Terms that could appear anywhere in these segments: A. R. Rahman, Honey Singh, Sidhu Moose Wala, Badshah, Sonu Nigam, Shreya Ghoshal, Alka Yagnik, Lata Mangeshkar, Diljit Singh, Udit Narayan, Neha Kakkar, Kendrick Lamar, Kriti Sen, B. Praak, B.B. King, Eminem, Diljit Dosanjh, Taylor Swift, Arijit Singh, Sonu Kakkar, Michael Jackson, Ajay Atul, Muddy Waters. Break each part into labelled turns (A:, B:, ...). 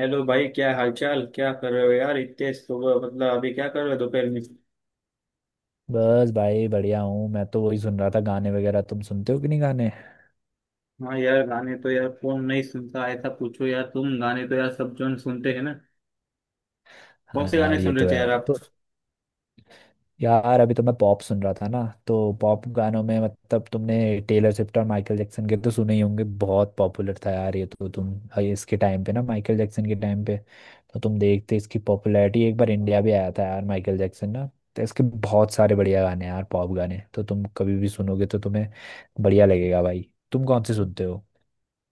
A: Hello भाई, क्या हालचाल? क्या कर रहे हो यार इतने सुबह? मतलब अभी क्या कर रहे हो दोपहर में?
B: बस भाई बढ़िया हूँ। मैं तो वही सुन रहा था गाने वगैरह। तुम सुनते हो कि नहीं गाने?
A: हाँ यार, गाने तो यार कौन नहीं सुनता? ऐसा पूछो यार, तुम। गाने तो यार सब जन सुनते हैं ना। कौन
B: हाँ
A: से गाने
B: यार, ये
A: सुन रहे
B: तो
A: थे यार
B: है।
A: आप?
B: तो यार, अभी तो मैं पॉप सुन रहा था ना। तो पॉप गानों में मतलब तुमने टेलर स्विफ्ट और माइकल जैक्सन के तो सुने ही होंगे। बहुत पॉपुलर था यार ये तो। तुम इसके टाइम पे ना, माइकल जैक्सन के टाइम पे, तो तुम देखते इसकी पॉपुलैरिटी। एक बार इंडिया भी आया था यार माइकल जैक्सन ना। तो इसके बहुत सारे बढ़िया गाने हैं यार। पॉप गाने तो तुम कभी भी सुनोगे तो तुम्हें बढ़िया लगेगा भाई। तुम कौन से सुनते हो?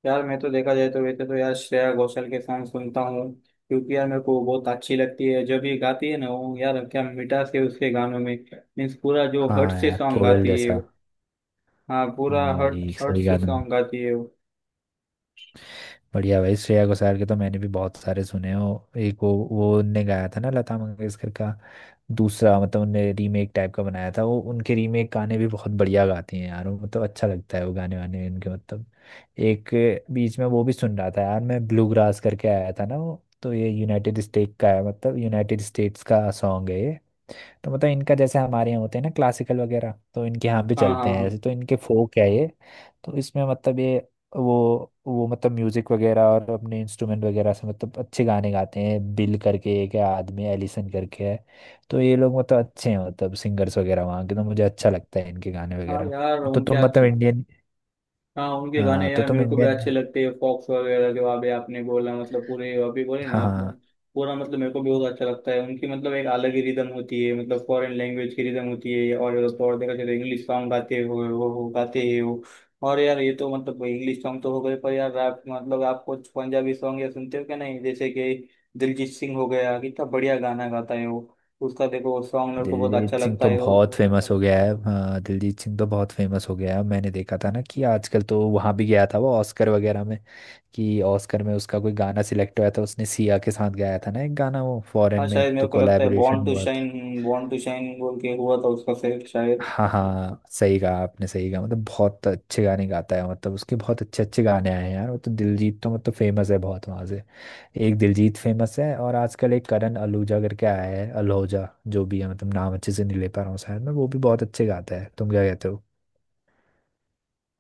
A: यार मैं तो, देखा जाए तो वैसे तो यार, श्रेया घोषाल के सॉन्ग सुनता हूँ। क्योंकि यार मेरे को बहुत अच्छी लगती है जब ये गाती है ना। वो यार क्या मिठास है उसके गानों में। मीन्स पूरा जो हर्ट
B: हाँ
A: से
B: यार,
A: सॉन्ग
B: कोयल
A: गाती है।
B: जैसा।
A: हाँ, पूरा
B: हाँ
A: हर्ट
B: भाई
A: हर्ट
B: सही गा
A: से
B: तुम।
A: सॉन्ग गाती है वो।
B: बढ़िया भाई, श्रेया घोषाल के तो मैंने भी बहुत सारे सुने हो। एक वो उनने गाया था ना लता मंगेशकर का। दूसरा मतलब उनने रीमेक टाइप का बनाया था वो। उनके रीमेक गाने भी बहुत बढ़िया गाती हैं यार वो। मतलब अच्छा लगता है वो गाने वाने उनके मतलब। एक बीच में वो भी सुन रहा था यार मैं, ब्लू ग्रास करके आया था ना वो। तो ये यूनाइटेड स्टेट का है, मतलब यूनाइटेड स्टेट्स का सॉन्ग है ये। तो मतलब इनका जैसे हमारे यहाँ होते हैं ना क्लासिकल वगैरह, तो इनके यहाँ भी
A: हाँ, हाँ,
B: चलते हैं
A: हाँ।
B: ऐसे। तो इनके फोक है ये। तो इसमें मतलब ये वो मतलब म्यूजिक वगैरह और अपने इंस्ट्रूमेंट वगैरह से मतलब अच्छे गाने गाते हैं। बिल करके एक है आदमी, एलिसन करके है। तो ये लोग मतलब अच्छे हैं, मतलब सिंगर्स वगैरह वहाँ के। तो मुझे अच्छा लगता है इनके गाने
A: हाँ
B: वगैरह।
A: यार,
B: तो
A: उनके
B: तुम मतलब
A: अच्छे।
B: इंडियन।
A: हाँ, उनके गाने
B: हाँ तो
A: यार
B: तुम
A: मेरे को भी
B: इंडियन।
A: अच्छे लगते हैं, फॉक्स वगैरह, जो अभी आपने बोला, मतलब पूरे अभी बोले
B: हाँ
A: ना आपने।
B: हाँ।
A: पूरा मतलब मेरे को भी बहुत अच्छा लगता है उनकी, मतलब एक अलग ही रिदम होती है, मतलब फॉरेन लैंग्वेज की रिदम होती है। और तो और देखा जाए तो इंग्लिश सॉन्ग गाते हो वो गाते हैं वो। और यार ये तो मतलब इंग्लिश सॉन्ग तो हो गए, पर यार रैप मतलब आप कुछ पंजाबी सॉन्ग या सुनते हो क्या? नहीं, जैसे कि दिलजीत सिंह हो गया, कितना बढ़िया गाना गाता है वो। उसका देखो सॉन्ग मेरे को बहुत अच्छा
B: दिलजीत सिंह
A: लगता
B: तो
A: है वो।
B: बहुत फेमस हो गया है। हाँ दिलजीत सिंह तो बहुत फेमस हो गया है। मैंने देखा था ना कि आजकल तो वहाँ भी गया था वो ऑस्कर वगैरह में। कि ऑस्कर में उसका कोई गाना सिलेक्ट हुआ था। उसने सिया के साथ गाया था ना एक गाना वो, फॉरेन
A: हाँ
B: में
A: शायद, मेरे
B: तो
A: को लगता है बॉर्न
B: कोलैबोरेशन
A: टू
B: हुआ था।
A: शाइन, बॉर्न टू शाइन बोल के हुआ था उसका सेट शायद।
B: हाँ हाँ सही कहा आपने, सही कहा। मतलब बहुत अच्छे गाने गाता है। मतलब उसके बहुत अच्छे अच्छे गाने आए हैं यार वो तो। दिलजीत तो मतलब फेमस है बहुत वहाँ से। एक दिलजीत फेमस है और आजकल एक करण अलूजा करके आया है, अल्होजा, जो भी है। मतलब नाम अच्छे से नहीं ले पा रहा हूँ शायद मैं। वो भी बहुत अच्छे गाता है। तुम क्या कहते हो?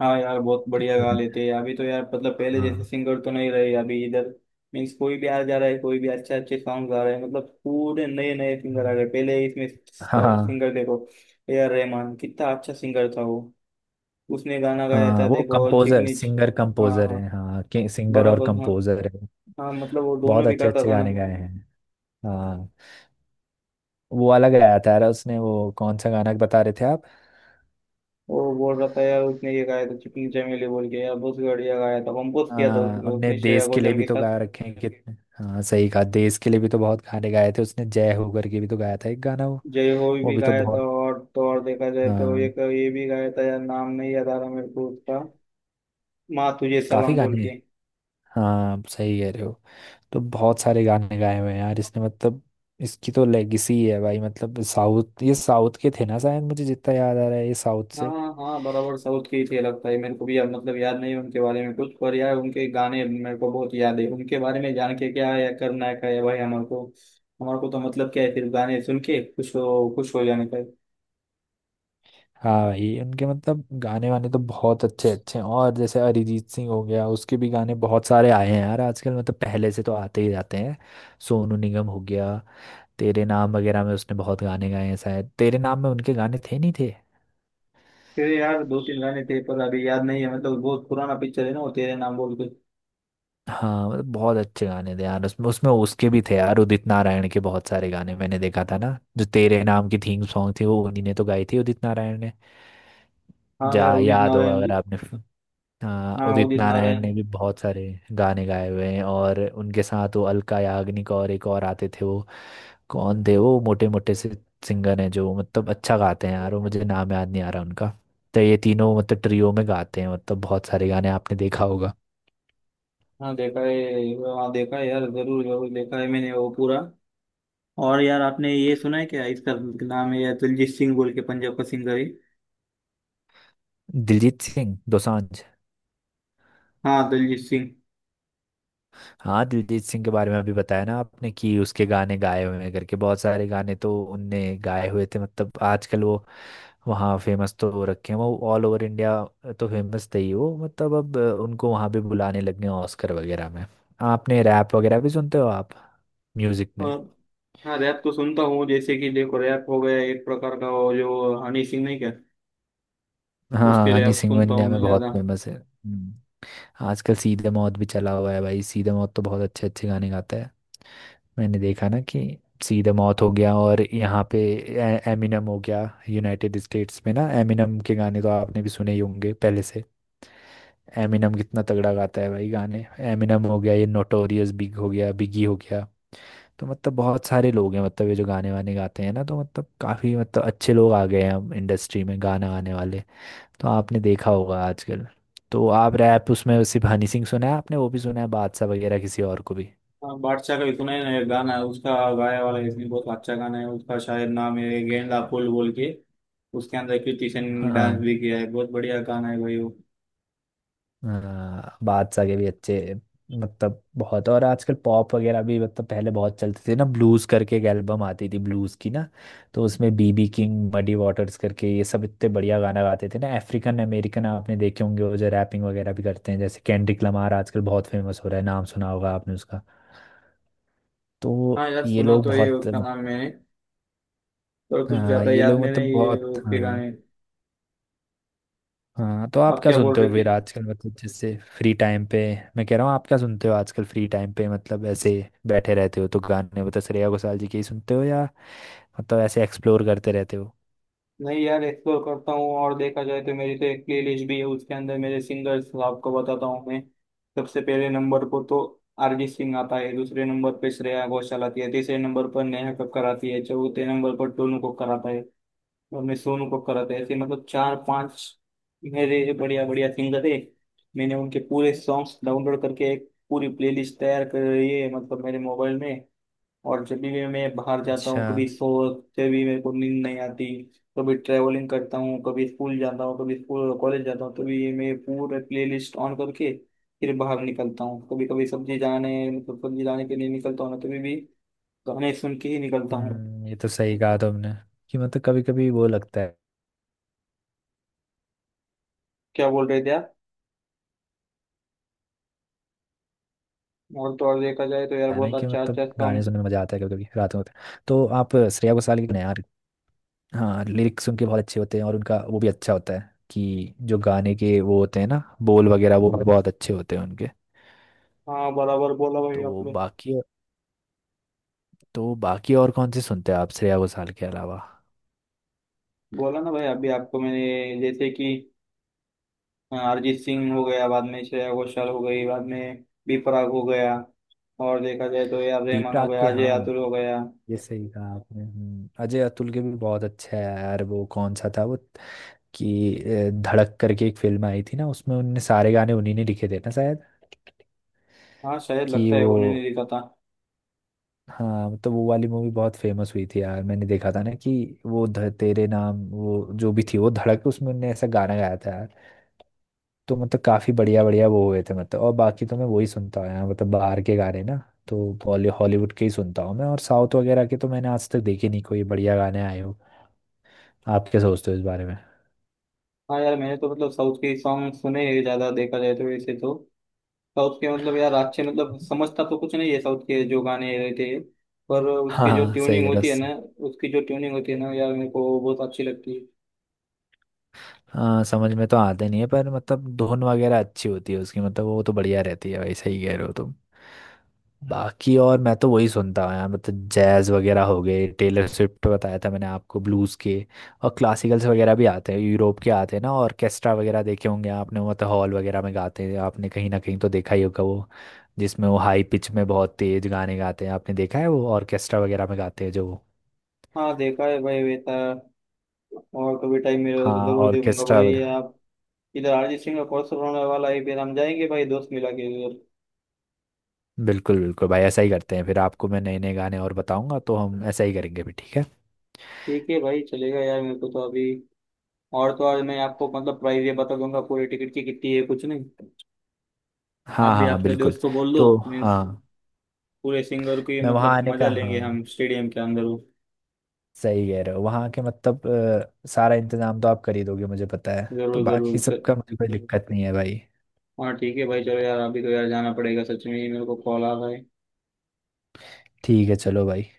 A: हाँ यार, बहुत बढ़िया गा लेते हैं अभी तो यार, मतलब पहले जैसे
B: हाँ।
A: सिंगर तो नहीं रहे अभी इधर। मीन्स कोई भी आ जा रहा है, कोई भी। अच्छे अच्छे सॉन्ग आ रहे हैं, मतलब पूरे नए नए सिंगर आ रहे
B: हम्म।
A: हैं पहले इसमें।
B: हाँ
A: टॉप
B: हाँ।
A: सिंगर देखो। ए आर रहमान कितना अच्छा सिंगर था वो। उसने गाना गाया
B: हाँ,
A: था
B: वो
A: देखो
B: कंपोजर,
A: चिकनी
B: सिंगर
A: हाँ,
B: कंपोजर
A: हाँ।
B: है। हाँ के सिंगर और
A: बराबर, हाँ।
B: कंपोजर है।
A: हाँ, मतलब वो दोनों
B: बहुत
A: भी
B: अच्छे
A: करता
B: अच्छे
A: था ना।
B: गाने गाए हैं। हाँ, वो वाला गाया था यार उसने, वो कौन सा गाना बता रहे थे आप?
A: वो बोल रहा था यार, उसने ये गाया था चिकनी चमेली बोल के। यार बहुत बढ़िया गाया था, कंपोज किया था
B: हाँ,
A: उसने
B: उनने
A: उसने श्रेया
B: देश के लिए
A: घोषाल
B: भी
A: के
B: तो
A: साथ।
B: गा रखे हैं कितने। हाँ सही कहा, देश के लिए भी तो बहुत गाने गाए थे उसने। जय हो करके भी तो गाया था एक गाना वो।
A: जय हो
B: वो
A: भी
B: भी तो
A: गाया था,
B: बहुत।
A: और तो और देखा जाए तो
B: हाँ
A: एक ये भी गाया था यार, नाम नहीं याद आ रहा मेरे को उसका। माँ तुझे
B: काफी
A: सलाम बोल
B: गाने हैं।
A: के।
B: हाँ सही कह रहे हो। तो बहुत सारे गाने गाए हुए हैं यार इसने मतलब। इसकी तो लेगेसी है भाई। मतलब साउथ, ये साउथ के थे ना शायद, मुझे जितना याद आ रहा है, ये साउथ
A: हाँ,
B: से।
A: हाँ, बराबर, साउथ के ही थे लगता है मेरे को भी यार। मतलब याद नहीं है उनके बारे में कुछ, पर यार उनके गाने मेरे को बहुत याद है। उनके बारे में जान के क्या है, करना है क्या है भाई हमारे को। हमारे को तो मतलब क्या है, सिर्फ गाने सुन के खुश हो, खुश हो जाने का है।
B: हाँ भाई उनके मतलब गाने वाने तो बहुत अच्छे अच्छे हैं। और जैसे अरिजीत सिंह हो गया, उसके भी गाने बहुत सारे आए हैं यार आजकल, मतलब पहले से तो आते ही जाते हैं। सोनू निगम हो गया। तेरे नाम वगैरह में उसने बहुत गाने गाए हैं शायद। तेरे नाम में उनके गाने थे नहीं थे।
A: फिर यार दो तीन गाने थे, पर अभी याद नहीं है, मतलब बहुत पुराना पिक्चर है ना वो तेरे नाम बोल के।
B: हाँ मतलब बहुत अच्छे गाने थे यार उसमें उसमें उसके भी थे यार। उदित नारायण के बहुत सारे गाने। मैंने देखा था ना जो तेरे नाम की थीम सॉन्ग थी वो उन्हीं ने तो गाई थी उदित नारायण ने।
A: हाँ यार,
B: जा
A: उदित
B: याद होगा
A: नारायण भी।
B: अगर आपने। हाँ
A: हाँ,
B: उदित
A: उदित
B: नारायण
A: नारायण।
B: ने भी बहुत सारे गाने गाए हुए हैं। और उनके साथ वो अलका याग्निक और एक और आते थे वो, कौन थे वो मोटे मोटे से सिंगर हैं जो मतलब अच्छा गाते हैं यार वो? मुझे नाम याद नहीं आ रहा उनका। तो ये तीनों मतलब ट्रियो में गाते हैं, मतलब बहुत सारे गाने आपने देखा होगा।
A: हाँ, देखा है। हाँ, देखा है यार, जरूर जरूर देखा है मैंने वो पूरा। और यार आपने ये सुना है क्या, इसका नाम है यार दिलजीत सिंह बोल के, पंजाब का सिंगर है।
B: दिलजीत सिंह दोसांझ।
A: हाँ, दिलजीत सिंह।
B: हाँ दिलजीत सिंह के बारे में अभी बताया ना आपने कि उसके गाने गाए हुए हैं करके। बहुत सारे गाने तो उनने गाए हुए थे। मतलब आजकल वो वहाँ फेमस तो हो रखे हैं वो ऑल ओवर इंडिया, तो फेमस थे ही वो। मतलब अब उनको वहाँ भी बुलाने लगे हैं ऑस्कर वगैरह में। आपने रैप वगैरह भी सुनते हो आप म्यूजिक में?
A: और। हाँ, रैप तो सुनता हूँ, जैसे कि देखो रैप हो गया एक प्रकार का, वो जो हनी सिंह नहीं क्या?
B: हाँ
A: उसके
B: हनी
A: रैप
B: सिंह
A: सुनता हूँ
B: इंडिया
A: मैं
B: में बहुत
A: ज्यादा।
B: फेमस है। आजकल सीधे मौत भी चला हुआ है भाई। सीधे मौत तो बहुत अच्छे अच्छे गाने गाता है। मैंने देखा ना कि सीधे मौत हो गया और यहाँ पे एमिनम हो गया यूनाइटेड स्टेट्स में ना। एमिनम के गाने तो आपने भी सुने ही होंगे पहले से। एमिनम कितना तगड़ा गाता है भाई गाने। एमिनम हो गया, ये नोटोरियस बिग हो गया, बिगी हो गया। तो मतलब बहुत सारे लोग हैं, मतलब ये जो गाने वाने गाते हैं ना, तो मतलब काफ़ी मतलब अच्छे लोग आ गए हैं अब इंडस्ट्री में गाना गाने वाले। तो आपने देखा होगा आजकल। तो आप रैप उसमें सिर्फ हनी सिंह सुना है आपने? वो भी सुना है बादशाह वगैरह, किसी और को भी?
A: हाँ, बादशाह का भी सुना है ना, ये गाना है उसका गाया वाला। इसमें बहुत अच्छा गाना है उसका, शायद नाम है गेंदा फूल बोल के। उसके अंदर कृति सेन ने
B: हाँ।
A: डांस भी किया है, बहुत बढ़िया गाना है भाई वो।
B: हाँ, बादशाह के भी अच्छे, मतलब बहुत। और आजकल पॉप वगैरह भी, मतलब पहले बहुत चलते थे ना ब्लूज करके एक एल्बम आती थी ब्लूज की ना। तो उसमें बीबी किंग, मडी वाटर्स करके ये सब इतने बढ़िया गाना गाते थे ना। अफ्रीकन अमेरिकन आपने देखे होंगे, वो जो रैपिंग वगैरह भी करते हैं, जैसे केंड्रिक लमार आजकल बहुत फेमस हो रहा है, नाम सुना होगा आपने उसका। तो
A: हाँ यार,
B: ये
A: सुना
B: लोग
A: तो है
B: बहुत।
A: उसका नाम मैंने। पर कुछ
B: हाँ
A: ज्यादा
B: ये
A: याद
B: लोग
A: में
B: मतलब
A: नहीं है
B: बहुत।
A: उसके गाने।
B: हाँ हाँ, तो आप
A: आप
B: क्या
A: क्या बोल
B: सुनते
A: रहे
B: हो
A: थे?
B: फिर आजकल, मतलब जैसे फ्री टाइम पे? मैं कह रहा हूँ आप क्या सुनते हो आजकल फ्री टाइम पे, मतलब ऐसे बैठे रहते हो तो गाने, मतलब श्रेया घोषाल जी के ही सुनते हो या मतलब ऐसे एक्सप्लोर करते रहते हो?
A: नहीं यार, एक्सप्लोर करता हूँ और देखा जाए तो मेरी तो एक प्लेलिस्ट भी है, उसके अंदर मेरे सिंगर्स आपको बताता हूँ मैं। सबसे पहले नंबर पर तो अरिजीत सिंह आता है, दूसरे नंबर पर श्रेया घोषाल आती है, तीसरे नंबर पर नेहा कक्कर आती है, चौथे नंबर पर टोनू कक्कर आता है। हमने सोनू कक्कर आते ऐसे, मतलब चार पांच। मेरे बढ़िया बढ़िया सिंगर है। मैंने उनके पूरे सॉन्ग्स डाउनलोड करके एक पूरी प्लेलिस्ट तैयार कर रही है, मतलब मेरे मोबाइल में। और जब भी मैं बाहर जाता
B: अच्छा।
A: हूँ, कभी सो, जब भी मेरे को नींद नहीं आती, कभी ट्रैवलिंग करता हूँ, कभी स्कूल जाता हूँ, कभी स्कूल कॉलेज जाता हूँ, तभी ये मैं पूरे प्लेलिस्ट ऑन करके फिर बाहर निकलता हूँ। कभी कभी सब्जी जाने, मतलब सब्जी लाने के लिए निकलता हूँ ना, तभी भी गाने सुन के ही निकलता हूँ।
B: ये तो सही कहा तुमने कि मतलब कभी कभी वो लगता
A: क्या बोल रहे थे आप? और तो और देखा जाए तो यार
B: है ना,
A: बहुत
B: कि
A: अच्छा
B: मतलब
A: अच्छा
B: गाने
A: सॉन्ग।
B: सुनने में मजा आता है कभी कभी। रात में होता है तो आप श्रेया घोषाल के गाने यार। हाँ, लिरिक्स उनके बहुत अच्छे होते हैं और उनका वो भी अच्छा होता है कि जो गाने के वो होते हैं ना बोल वगैरह, वो बहुत अच्छे होते हैं उनके।
A: हाँ, बराबर बोला भाई
B: तो
A: आपने।
B: बाकी, तो बाकी और कौन से सुनते हैं आप श्रेया घोषाल के अलावा?
A: बोला ना भाई अभी आपको मैंने, जैसे कि हाँ, अरिजीत सिंह हो गया, बाद में श्रेया घोषाल हो गई, बाद में बी प्राक हो गया। और देखा जाए तो यार
B: बी
A: रहमान हो
B: प्राक
A: गया,
B: के,
A: अजय
B: हाँ
A: आतुल हो गया।
B: ये सही कहा आपने। अजय अतुल के भी बहुत अच्छा है यार वो। कौन सा था वो कि धड़क करके एक फिल्म आई थी ना, उसमें उनने सारे गाने उन्हीं ने लिखे थे ना शायद।
A: हाँ शायद,
B: कि
A: लगता है
B: वो,
A: उन्हें नहीं देखा था।
B: हाँ मतलब वो वाली मूवी बहुत फेमस हुई थी यार। मैंने देखा था ना कि वो तेरे नाम, वो जो भी थी वो धड़क, उसमें उनने ऐसा गाना गाया था। तो मतलब काफी बढ़िया बढ़िया वो हुए थे मतलब। और बाकी तो मैं वही सुनता आया हूँ, मतलब बाहर के गाने ना। तो बॉली हॉलीवुड के ही सुनता हूँ मैं, और साउथ वगैरह के तो मैंने आज तक देखे नहीं कोई बढ़िया गाने आए हो। आप क्या सोचते हो इस बारे में?
A: हाँ यार, मैंने तो मतलब साउथ के सॉन्ग सुने हैं ज्यादा, देखा जाए तो वैसे तो साउथ के, मतलब यार अच्छे, मतलब समझता तो कुछ नहीं है साउथ के जो गाने रहते हैं। पर
B: हाँ
A: उसके जो
B: हाँ सही
A: ट्यूनिंग
B: करो।
A: होती है ना, उसकी जो ट्यूनिंग होती है ना यार, मेरे को बहुत अच्छी लगती है।
B: हाँ समझ में तो आते नहीं है पर मतलब धुन वगैरह अच्छी होती है उसकी, मतलब वो तो बढ़िया रहती है भाई। सही कह रहे हो तुम। बाकी और मैं तो वही सुनता हूँ यार, मतलब जैज वगैरह हो गए, टेलर स्विफ्ट बताया था मैंने आपको, ब्लूज के। और क्लासिकल्स वगैरह भी आते हैं यूरोप के आते हैं ना, ऑर्केस्ट्रा वगैरह देखे होंगे आपने, मतलब हॉल वगैरह में गाते हैं, आपने कहीं ना कहीं तो देखा ही होगा वो, जिसमें वो हाई पिच में बहुत तेज गाने गाते हैं। आपने देखा है वो ऑर्केस्ट्रा वगैरह में गाते हैं जो।
A: हाँ, देखा है भाई बेटा। और कभी टाइम मिले तो
B: हाँ
A: जरूर देखूंगा
B: ऑर्केस्ट्रा।
A: भाई आप। इधर अरिजीत सिंह का कॉन्सर्ट होने वाला है, फिर हम जाएंगे भाई दोस्त मिला के उधर।
B: बिल्कुल बिल्कुल भाई, ऐसा ही करते हैं फिर। आपको मैं नए नए गाने और बताऊंगा तो हम ऐसा ही करेंगे भी, ठीक है।
A: ठीक है भाई, चलेगा यार मेरे को तो अभी। और तो और मैं आपको मतलब प्राइस ये बता दूंगा, पूरी टिकट की कितनी है कुछ नहीं। आप
B: हाँ
A: भी
B: हाँ
A: आपके
B: बिल्कुल।
A: दोस्त को बोल दो
B: तो
A: मीन्स।
B: हाँ,
A: पूरे सिंगर की
B: मैं वहाँ
A: मतलब
B: आने
A: मजा
B: का। हाँ
A: लेंगे हम स्टेडियम के अंदर वो।
B: सही कह रहे हो। वहाँ के मतलब सारा इंतजाम तो आप कर ही दोगे मुझे पता है। तो
A: जरूर
B: बाकी
A: जरूर
B: सबका मुझे कोई दिक्कत नहीं है भाई।
A: हाँ ठीक है भाई, चलो यार अभी तो यार जाना पड़ेगा, सच में ही मेरे को कॉल आ रहा है।
B: ठीक है चलो भाई।